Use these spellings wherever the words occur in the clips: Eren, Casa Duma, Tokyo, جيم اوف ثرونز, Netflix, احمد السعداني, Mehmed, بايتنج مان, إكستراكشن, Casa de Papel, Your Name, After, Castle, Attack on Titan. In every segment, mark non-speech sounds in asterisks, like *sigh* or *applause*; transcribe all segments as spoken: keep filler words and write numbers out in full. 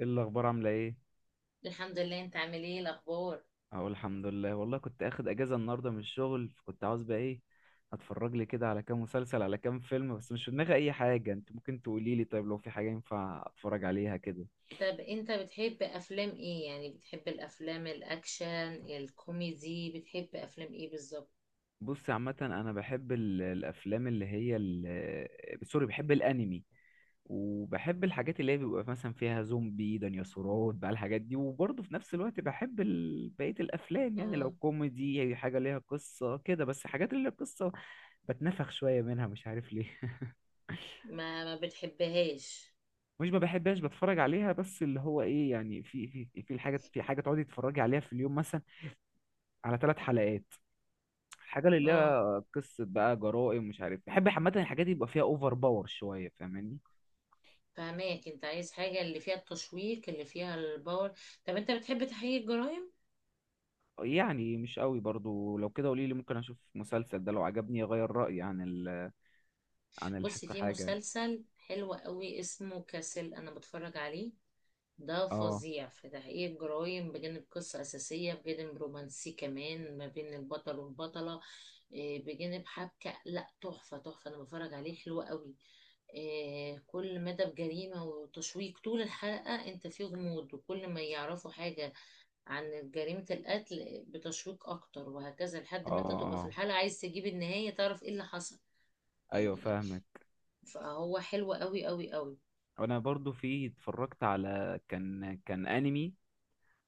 ايه الاخبار؟ عامله ايه؟ الحمد لله. انت عامل ايه الاخبار؟ اقول الحمد لله. والله كنت اخد اجازه النهارده من الشغل، فكنت عاوز بقى ايه، اتفرج لي كده على كام مسلسل، على كام فيلم، بس مش في دماغي اي حاجه. انت ممكن تقولي لي طيب، لو في حاجه ينفع اتفرج عليها كده. طب انت بتحب افلام ايه؟ يعني بتحب الافلام الاكشن الكوميدي؟ بتحب افلام ايه بالظبط؟ بصي عامه، انا بحب ال- الافلام اللي هي ال- سوري، بحب الانمي، وبحب الحاجات اللي هي بيبقى مثلا فيها زومبي، ديناصورات بقى، الحاجات دي. وبرضه في نفس الوقت بحب ال... بقية الأفلام، يعني اه، لو كوميدي أي حاجة ليها قصة كده. بس حاجات اللي قصة بتنفخ شوية منها، مش عارف ليه. *laughs* ما ما بتحبهاش؟ مش ما بحبهاش، بتفرج عليها، بس اللي هو إيه يعني، في في في الحاجة، في حاجة تقعدي تتفرجي عليها في اليوم مثلا على ثلاث حلقات. الحاجة اللي اه، ليها قصة بقى، جرائم، مش عارف، بحب عامة الحاجات دي يبقى فيها أوفر باور شوية، فاهماني؟ فهماك، انت عايز حاجة اللي فيها التشويق، اللي فيها الباور. طب انت بتحب تحقيق الجرائم؟ يعني مش قوي برضو. لو كده قولي لي، ممكن اشوف مسلسل ده، لو عجبني اغير رأيي عن ال عن بص، الحكة في حاجة يعني. مسلسل حلو قوي اسمه كاسل، انا بتفرج عليه. ده اه، فظيع في تحقيق الجرايم، بجانب قصة أساسية، بجانب رومانسي كمان ما بين البطل والبطلة. إيه، بجانب حبكة، لا تحفة تحفة، أنا بتفرج عليه حلو قوي. إيه، كل مدى بجريمة وتشويق طول الحلقة، أنت فيه غموض، وكل ما يعرفوا حاجة عن جريمة القتل بتشويق أكتر، وهكذا اه، لحد ما أنت تبقى في اه، الحلقة عايز تجيب النهاية تعرف إيه اللي حصل. ايوه يعني، فاهمك. فهو حلو قوي قوي قوي. انا برضو في اتفرجت على كان كان انمي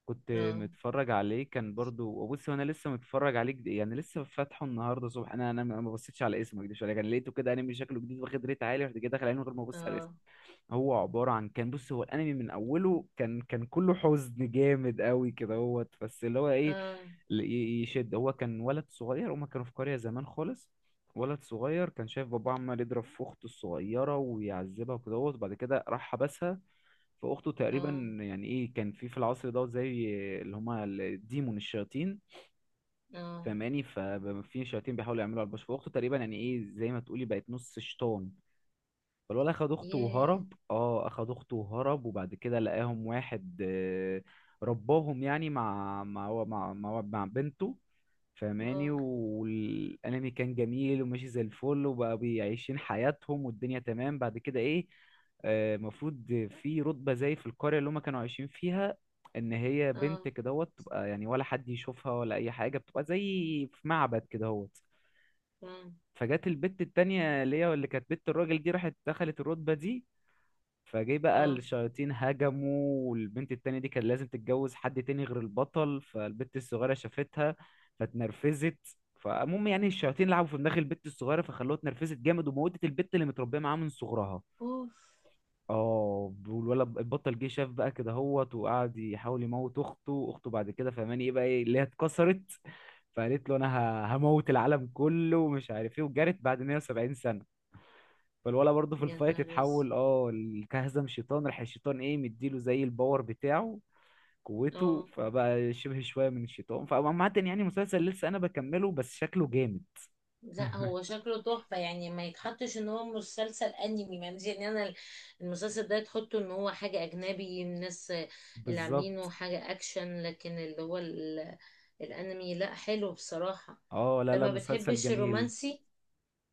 كنت اه متفرج عليه. كان برضو، بص انا لسه متفرج عليه جد- يعني لسه فاتحه النهارده الصبح. انا انا ما بصيتش على اسمه، ما اكدبش عليك، انا لقيته كده انمي شكله جديد، واخد ريت عالي، رحت جاي داخل عليه من غير ما ابص على اه. اسمه. هو عبارة عن، كان بص، هو الأنمي من أوله كان كان كله حزن جامد قوي كده. هو بس اللي هو إيه، اه ل- ي- يشد. هو كان ولد صغير، هما كانوا في قرية زمان خالص. ولد صغير كان شايف باباه عمال يضرب في أخته الصغيرة ويعذبها وكده هوت، وبعد كده راح حبسها. فأخته تقريبا اه. يعني إيه، كان في في العصر دوت زي اللي هما الديمون، الشياطين، اه. فاهماني؟ ففي شياطين بيحاولوا يعملوا على البشر، فأخته تقريبا يعني إيه، زي ما تقولي بقت نص شيطان. فالولد اخد اخته ياه. وهرب، اه اخد اخته وهرب، وبعد كده لقاهم واحد آه، رباهم، يعني مع مع مع مع, مع بنته، فاهماني؟ اه والانمي كان جميل وماشي زي الفل، وبقى بيعيشين حياتهم والدنيا تمام. بعد كده ايه آه، المفروض في رتبة زي في القرية اللي هما كانوا عايشين فيها، ان هي اه. بنت كدهوت تبقى يعني، ولا حد يشوفها ولا اي حاجة، بتبقى زي في معبد كدهوت. اه فجت البت التانية اللي هي اللي كانت بنت الراجل دي، راحت دخلت الرتبة دي. فجه بقى اه. الشياطين هجموا، والبنت التانية دي كان لازم تتجوز حد تاني غير البطل، فالبنت الصغيرة شافتها فاتنرفزت. فالمهم يعني، الشياطين لعبوا في دماغ البنت الصغيرة، فخلوها اتنرفزت جامد، وموتت البنت اللي متربية معاها من صغرها. اوف. اه، والولد البطل جه شاف بقى كده هوت، وقعد يحاول يموت اخته، اخته بعد كده، فهماني؟ ايه بقى ايه اللي هي اتكسرت، فقالت له انا ه- هموت العالم كله، ومش عارف ايه، وجرت بعد مائة وسبعين سنة. فالولا برضه في يا الفايت نهار اسود. اتحول، اه ال- كهزم شيطان، راح الشيطان ايه مديله زي الباور بتاعه، قوته، اه، فبقى شبه شويه من الشيطان. فعامة يعني مسلسل لسه انا بكمله، بس شكله جامد. لا هو شكله تحفة. يعني ما يتحطش ان هو مسلسل انمي، معلش، يعني انا المسلسل ده تحطه ان هو حاجة اجنبي، الناس اللي عاملينه بالظبط. حاجة اكشن، لكن اللي هو ال- الانمي، لا حلو بصراحة. اه، لا انت لا، ما مسلسل بتحبش جميل. الرومانسي؟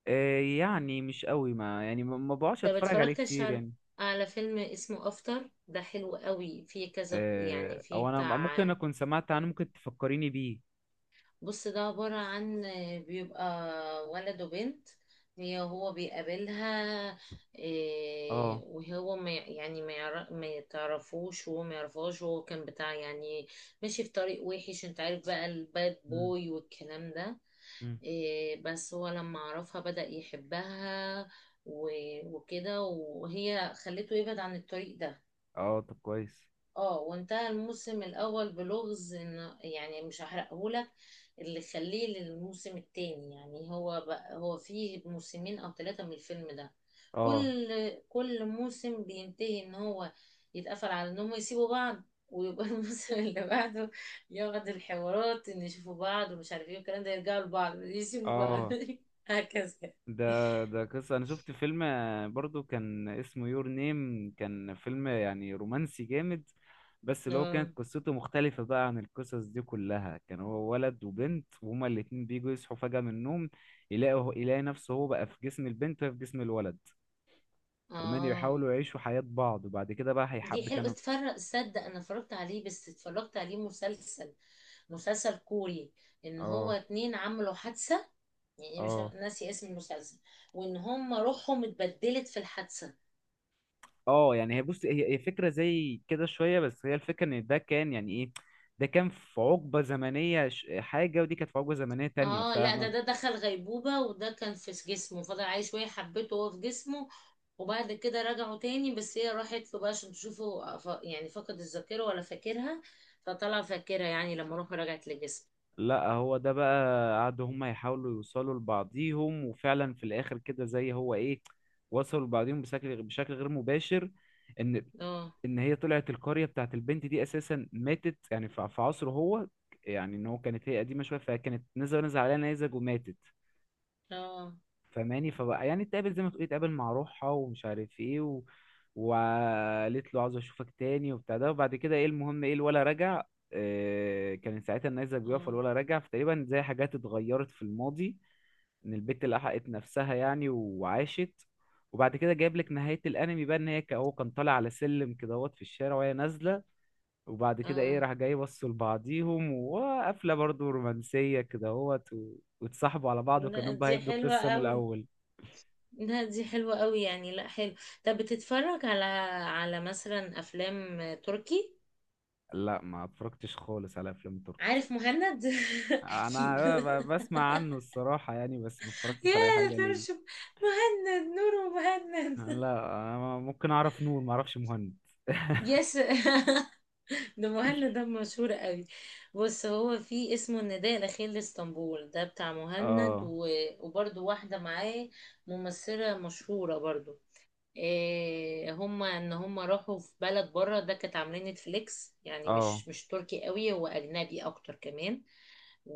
آه يعني مش قوي، ما يعني ما ما بقعدش انت ما اتفرج عليه اتفرجتش كتير على يعني. على فيلم اسمه افتر؟ ده حلو قوي، فيه كذا يعني آه او فيه انا بتاع. ممكن اكون سمعت عنه، ممكن تفكريني بيه. بص، ده عبارة عن بيبقى ولد وبنت، هي هو بيقابلها. اه. إيه، وهو ما يعني ما يعرف ما يتعرفوش، وهو ما يعرفهاش، وهو كان بتاع يعني ماشي في طريق وحش، انت عارف بقى الباد مم. بوي والكلام ده. مم. إيه، بس هو لما عرفها بدأ يحبها، و- وكده، وهي خلته يبعد عن الطريق ده. اه طب كويس. اه، وانتهى الموسم الاول بلغز ان، يعني مش هحرقهولك، اللي خليه للموسم التاني. يعني هو بقى هو فيه موسمين او ثلاثة من الفيلم ده. اه. كل كل موسم بينتهي ان هو يتقفل على ان هم يسيبوا بعض، ويبقى *laughs* الموسم اللي بعده يقعد الحوارات ان يشوفوا بعض ومش عارف ايه والكلام ده، يرجعوا لبعض يسيبوا بعض اه. *laughs* هكذا. ده ده قصة، أنا شفت فيلم آه، برضو كان اسمه يور نيم، كان فيلم يعني رومانسي جامد، بس اللي هو اه. كانت قصته مختلفة بقى عن القصص دي كلها. كان هو ولد وبنت، وهما الاتنين بيجوا يصحوا فجأة من النوم، يلاقوا يلاقي نفسه هو بقى في جسم البنت، وهي في جسم الولد. فمان آه. يحاولوا يعيشوا حياة بعض، وبعد كده بقى دي هيحب حلو، كانوا. اتفرج صدق. انا اتفرجت عليه، بس اتفرجت عليه مسلسل، مسلسل كوري. ان هو اه. اتنين عملوا حادثة، يعني مش اه. ناسي اسم المسلسل، وان هم روحهم اتبدلت في الحادثة. اه. يعني هي بص، هي هي فكرة زي كده شوية، بس هي الفكرة ان ده كان يعني ايه، ده كان في عقبة زمنية ش- حاجة، ودي كانت في عقبة زمنية تانية، اه، لا ده فاهمة؟ ده دخل غيبوبة، وده كان في جسمه، فضل عايش شوية حبته وهو في جسمه. وبعد كده رجعوا تاني، بس هي راحت له بقى عشان تشوفه، ف- يعني فقد الذاكرة ولا فاكرها، فطلع فاكرها يعني لما روحه رجعت لجسمه. لا هو ده بقى قعدوا هما يحاولوا يوصلوا لبعضيهم، وفعلا في الاخر كده زي هو ايه، وصلوا لبعضيهم بشكل بشكل غير مباشر. ان اه. ان هي طلعت القرية بتاعت البنت دي اساسا ماتت يعني، في في عصره هو، يعني ان هو كانت هي قديمة شوية، فكانت نزل نزل عليها نيزك وماتت، اه. فماني؟ فبقى يعني اتقابل، زي ما تقولي اتقابل مع روحها، ومش عارف ايه، و... وقالت له عاوز اشوفك تاني وبتاع ده. وبعد كده ايه، المهم ايه الولا رجع، آه، كان ساعتها النيزك بيقف، اه الولا رجع، فتقريبا زي حاجات اتغيرت في الماضي، ان البت لحقت نفسها يعني وعاشت. وبعد كده جايب لك نهاية الانمي بقى، ان هي ك- هو كان طالع على سلم كده هوت في الشارع، وهي نازلة، وبعد كده ايه اه. راح جاي بصوا لبعضيهم، وقفلة برضو رومانسية كده هوت، و... واتصاحبوا على بعض، لا وكأنهم بقى دي هيبدوا حلوة القصة من قوي، الأول. لا دي حلوة قوي، يعني لا حلو. طب بتتفرج على على مثلا افلام تركي؟ لا ما اتفرجتش خالص على افلام تركي. عارف مهند؟ *laughs* انا اكيد ب- *laughs* بسمع عنه الصراحة يعني، بس ما اتفرجتش على اي يا حاجة ليه. ترشم، مهند، نور، مهند. لا أنا ممكن اعرف نور، ما اعرفش مهند. *laughs* يس. *laughs* ده مهند ده مشهور قوي. بص هو في اسمه النداء الاخير لاسطنبول، ده بتاع مهند، اه. و... وبرده واحدة معاه، ممثلة مشهورة برضو. إيه، هم ان هم راحوا في بلد بره، ده كانت عاملين نتفليكس، يعني اه. مش مش تركي قوي، هو اجنبي اكتر كمان. و،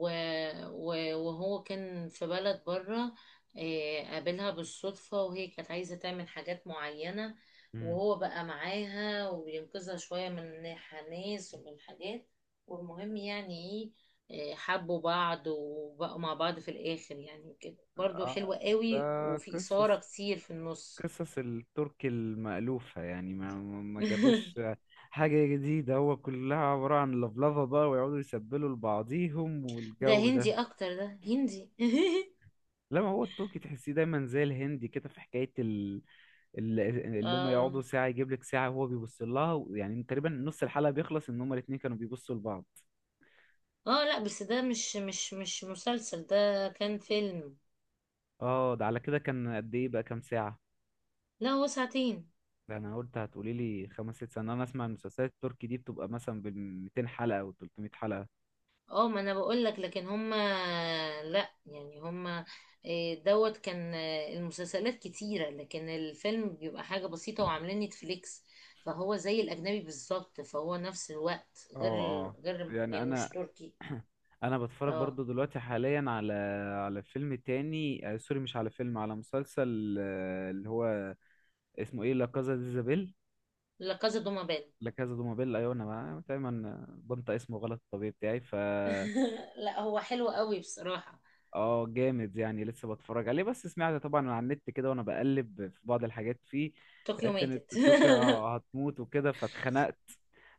و- وهو كان في بلد بره. إيه، قابلها بالصدفة وهي كانت عايزة تعمل حاجات معينة، مم. وهو بقى معاها وبينقذها شوية من ناس ومن حاجات. والمهم يعني ايه، إيه، حبوا بعض وبقوا مع بعض في الآخر يعني كده. برضو آه، حلوة ده قوي، وفي إثارة قصص كتير في النص. قصص التركي المألوفة يعني، ما ما ما جابوش *laughs* حاجة جديدة، هو كلها عبارة عن لفلفة بقى، ويقعدوا يسبلوا لبعضيهم ده والجو ده. هندي اكتر، ده هندي. *laughs* لا ما هو التركي تحسيه دايما زي الهندي كده، في حكاية ال- اللي هم اه يقعدوا ساعة يجيب لك ساعة وهو بيبص لها، يعني تقريبا نص الحلقة بيخلص ان هما الاتنين كانوا بيبصوا لبعض. اه، لا بس ده مش مش مش مسلسل، ده كان فيلم. اه، ده على كده كان قد ايه بقى، كام ساعة؟ لا هو ساعتين. ده انا قلت هتقولي لي خمس ست سنين، انا اسمع المسلسلات التركي دي بتبقى مثلا بال ميتين حلقة او تلتمية حلقة. اه، ما انا بقول لك، لكن هما، لا يعني هما إيه، دوت كان آه، المسلسلات كتيرة، لكن الفيلم بيبقى حاجة بسيطة وعاملين نتفليكس، فهو زي الأجنبي بالظبط، فهو نفس الوقت اه. غير ال- اه. غير يعني يعني مش انا، تركي. انا بتفرج اه، برضو دلوقتي حاليا على، على فيلم تاني آه، سوري مش على فيلم، على مسلسل آه، اللي هو اسمه ايه، لا كازا دي زابيل، لا كازا دوما بان. لا كازا دومابيل، ايوه. انا بقى- دايما بنطق اسمه غلط، الطبيعي بتاعي. ف *laughs* لا هو حلو قوي بصراحة. اه جامد، يعني لسه بتفرج عليه، بس سمعت طبعا على النت كده وانا بقلب في بعض الحاجات فيه، طوكيو عرفت ان ماتت. طوكيو هتموت وكده فاتخنقت.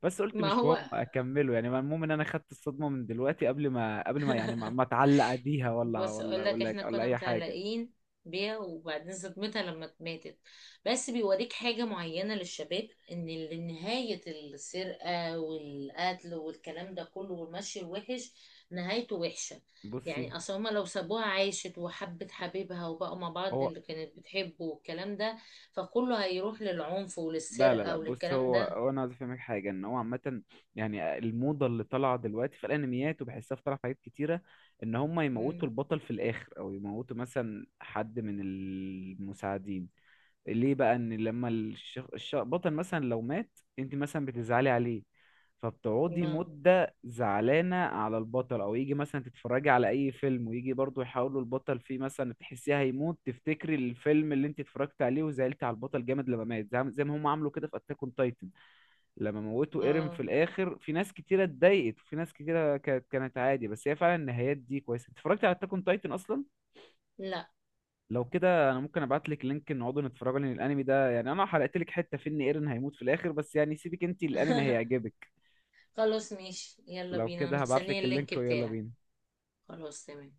بس *laughs* قلت ما مش هو، مهم اكمله، يعني المهم ان انا خدت الصدمة من دلوقتي قبل ما قبل ما يعني ما ما اتعلق بيها، ولا بص ولا اقول لك، ولا احنا ولا كنا اي حاجة. متعلقين بيها وبعدين صدمتها لما ماتت. بس بيوريك حاجة معينة للشباب ان ال- نهاية السرقة والقتل والكلام ده كله والمشي الوحش نهايته وحشة. بصي. يعني اصل هما لو سابوها عايشت وحبت حبيبها وبقوا مع بعض هو اللي كانت بتحبه والكلام ده، فكله هيروح للعنف لا لا لا وللسرقة بص، وللكلام هو ده. هو انا عايز افهمك حاجه، ان هو عامه يعني، الموضه اللي طالعه دلوقتي في الانميات، وبحسها في طالعه في حاجات كتيره، ان هم يموتوا مم. البطل في الاخر، او يموتوا مثلا حد من المساعدين. ليه بقى؟ ان لما الشخ... الش... بطل مثلا لو مات، انت مثلا بتزعلي عليه، فبتقعدي ما مدة زعلانة على البطل. او يجي مثلا تتفرجي على اي فيلم، ويجي برضو يحاولوا البطل فيه مثلا تحسيه هيموت، تفتكري الفيلم اللي انت اتفرجت عليه وزعلت على البطل جامد لما مات، زي زي ما هم عملوا كده في اتاك اون تايتن. لما موتوا ايرين في اه. الاخر، في ناس كتيرة اتضايقت، وفي ناس كتيرة كانت كانت عادي، بس هي فعلا النهايات دي كويسة. اتفرجت على اتاك اون تايتن اصلا؟ لا. لو كده انا ممكن ابعت لك لينك نقعدوا نتفرجوا، لان الانمي ده يعني، انا حرقت لك حته في ان ايرن هيموت في الاخر، بس يعني سيبك، انت الانمي *laughs* هيعجبك. خلاص ماشي، يلا لو بينا، انا كده هبعت مستنية لك اللينك اللينك ويلا بتاعك. بينا. خلاص تمام.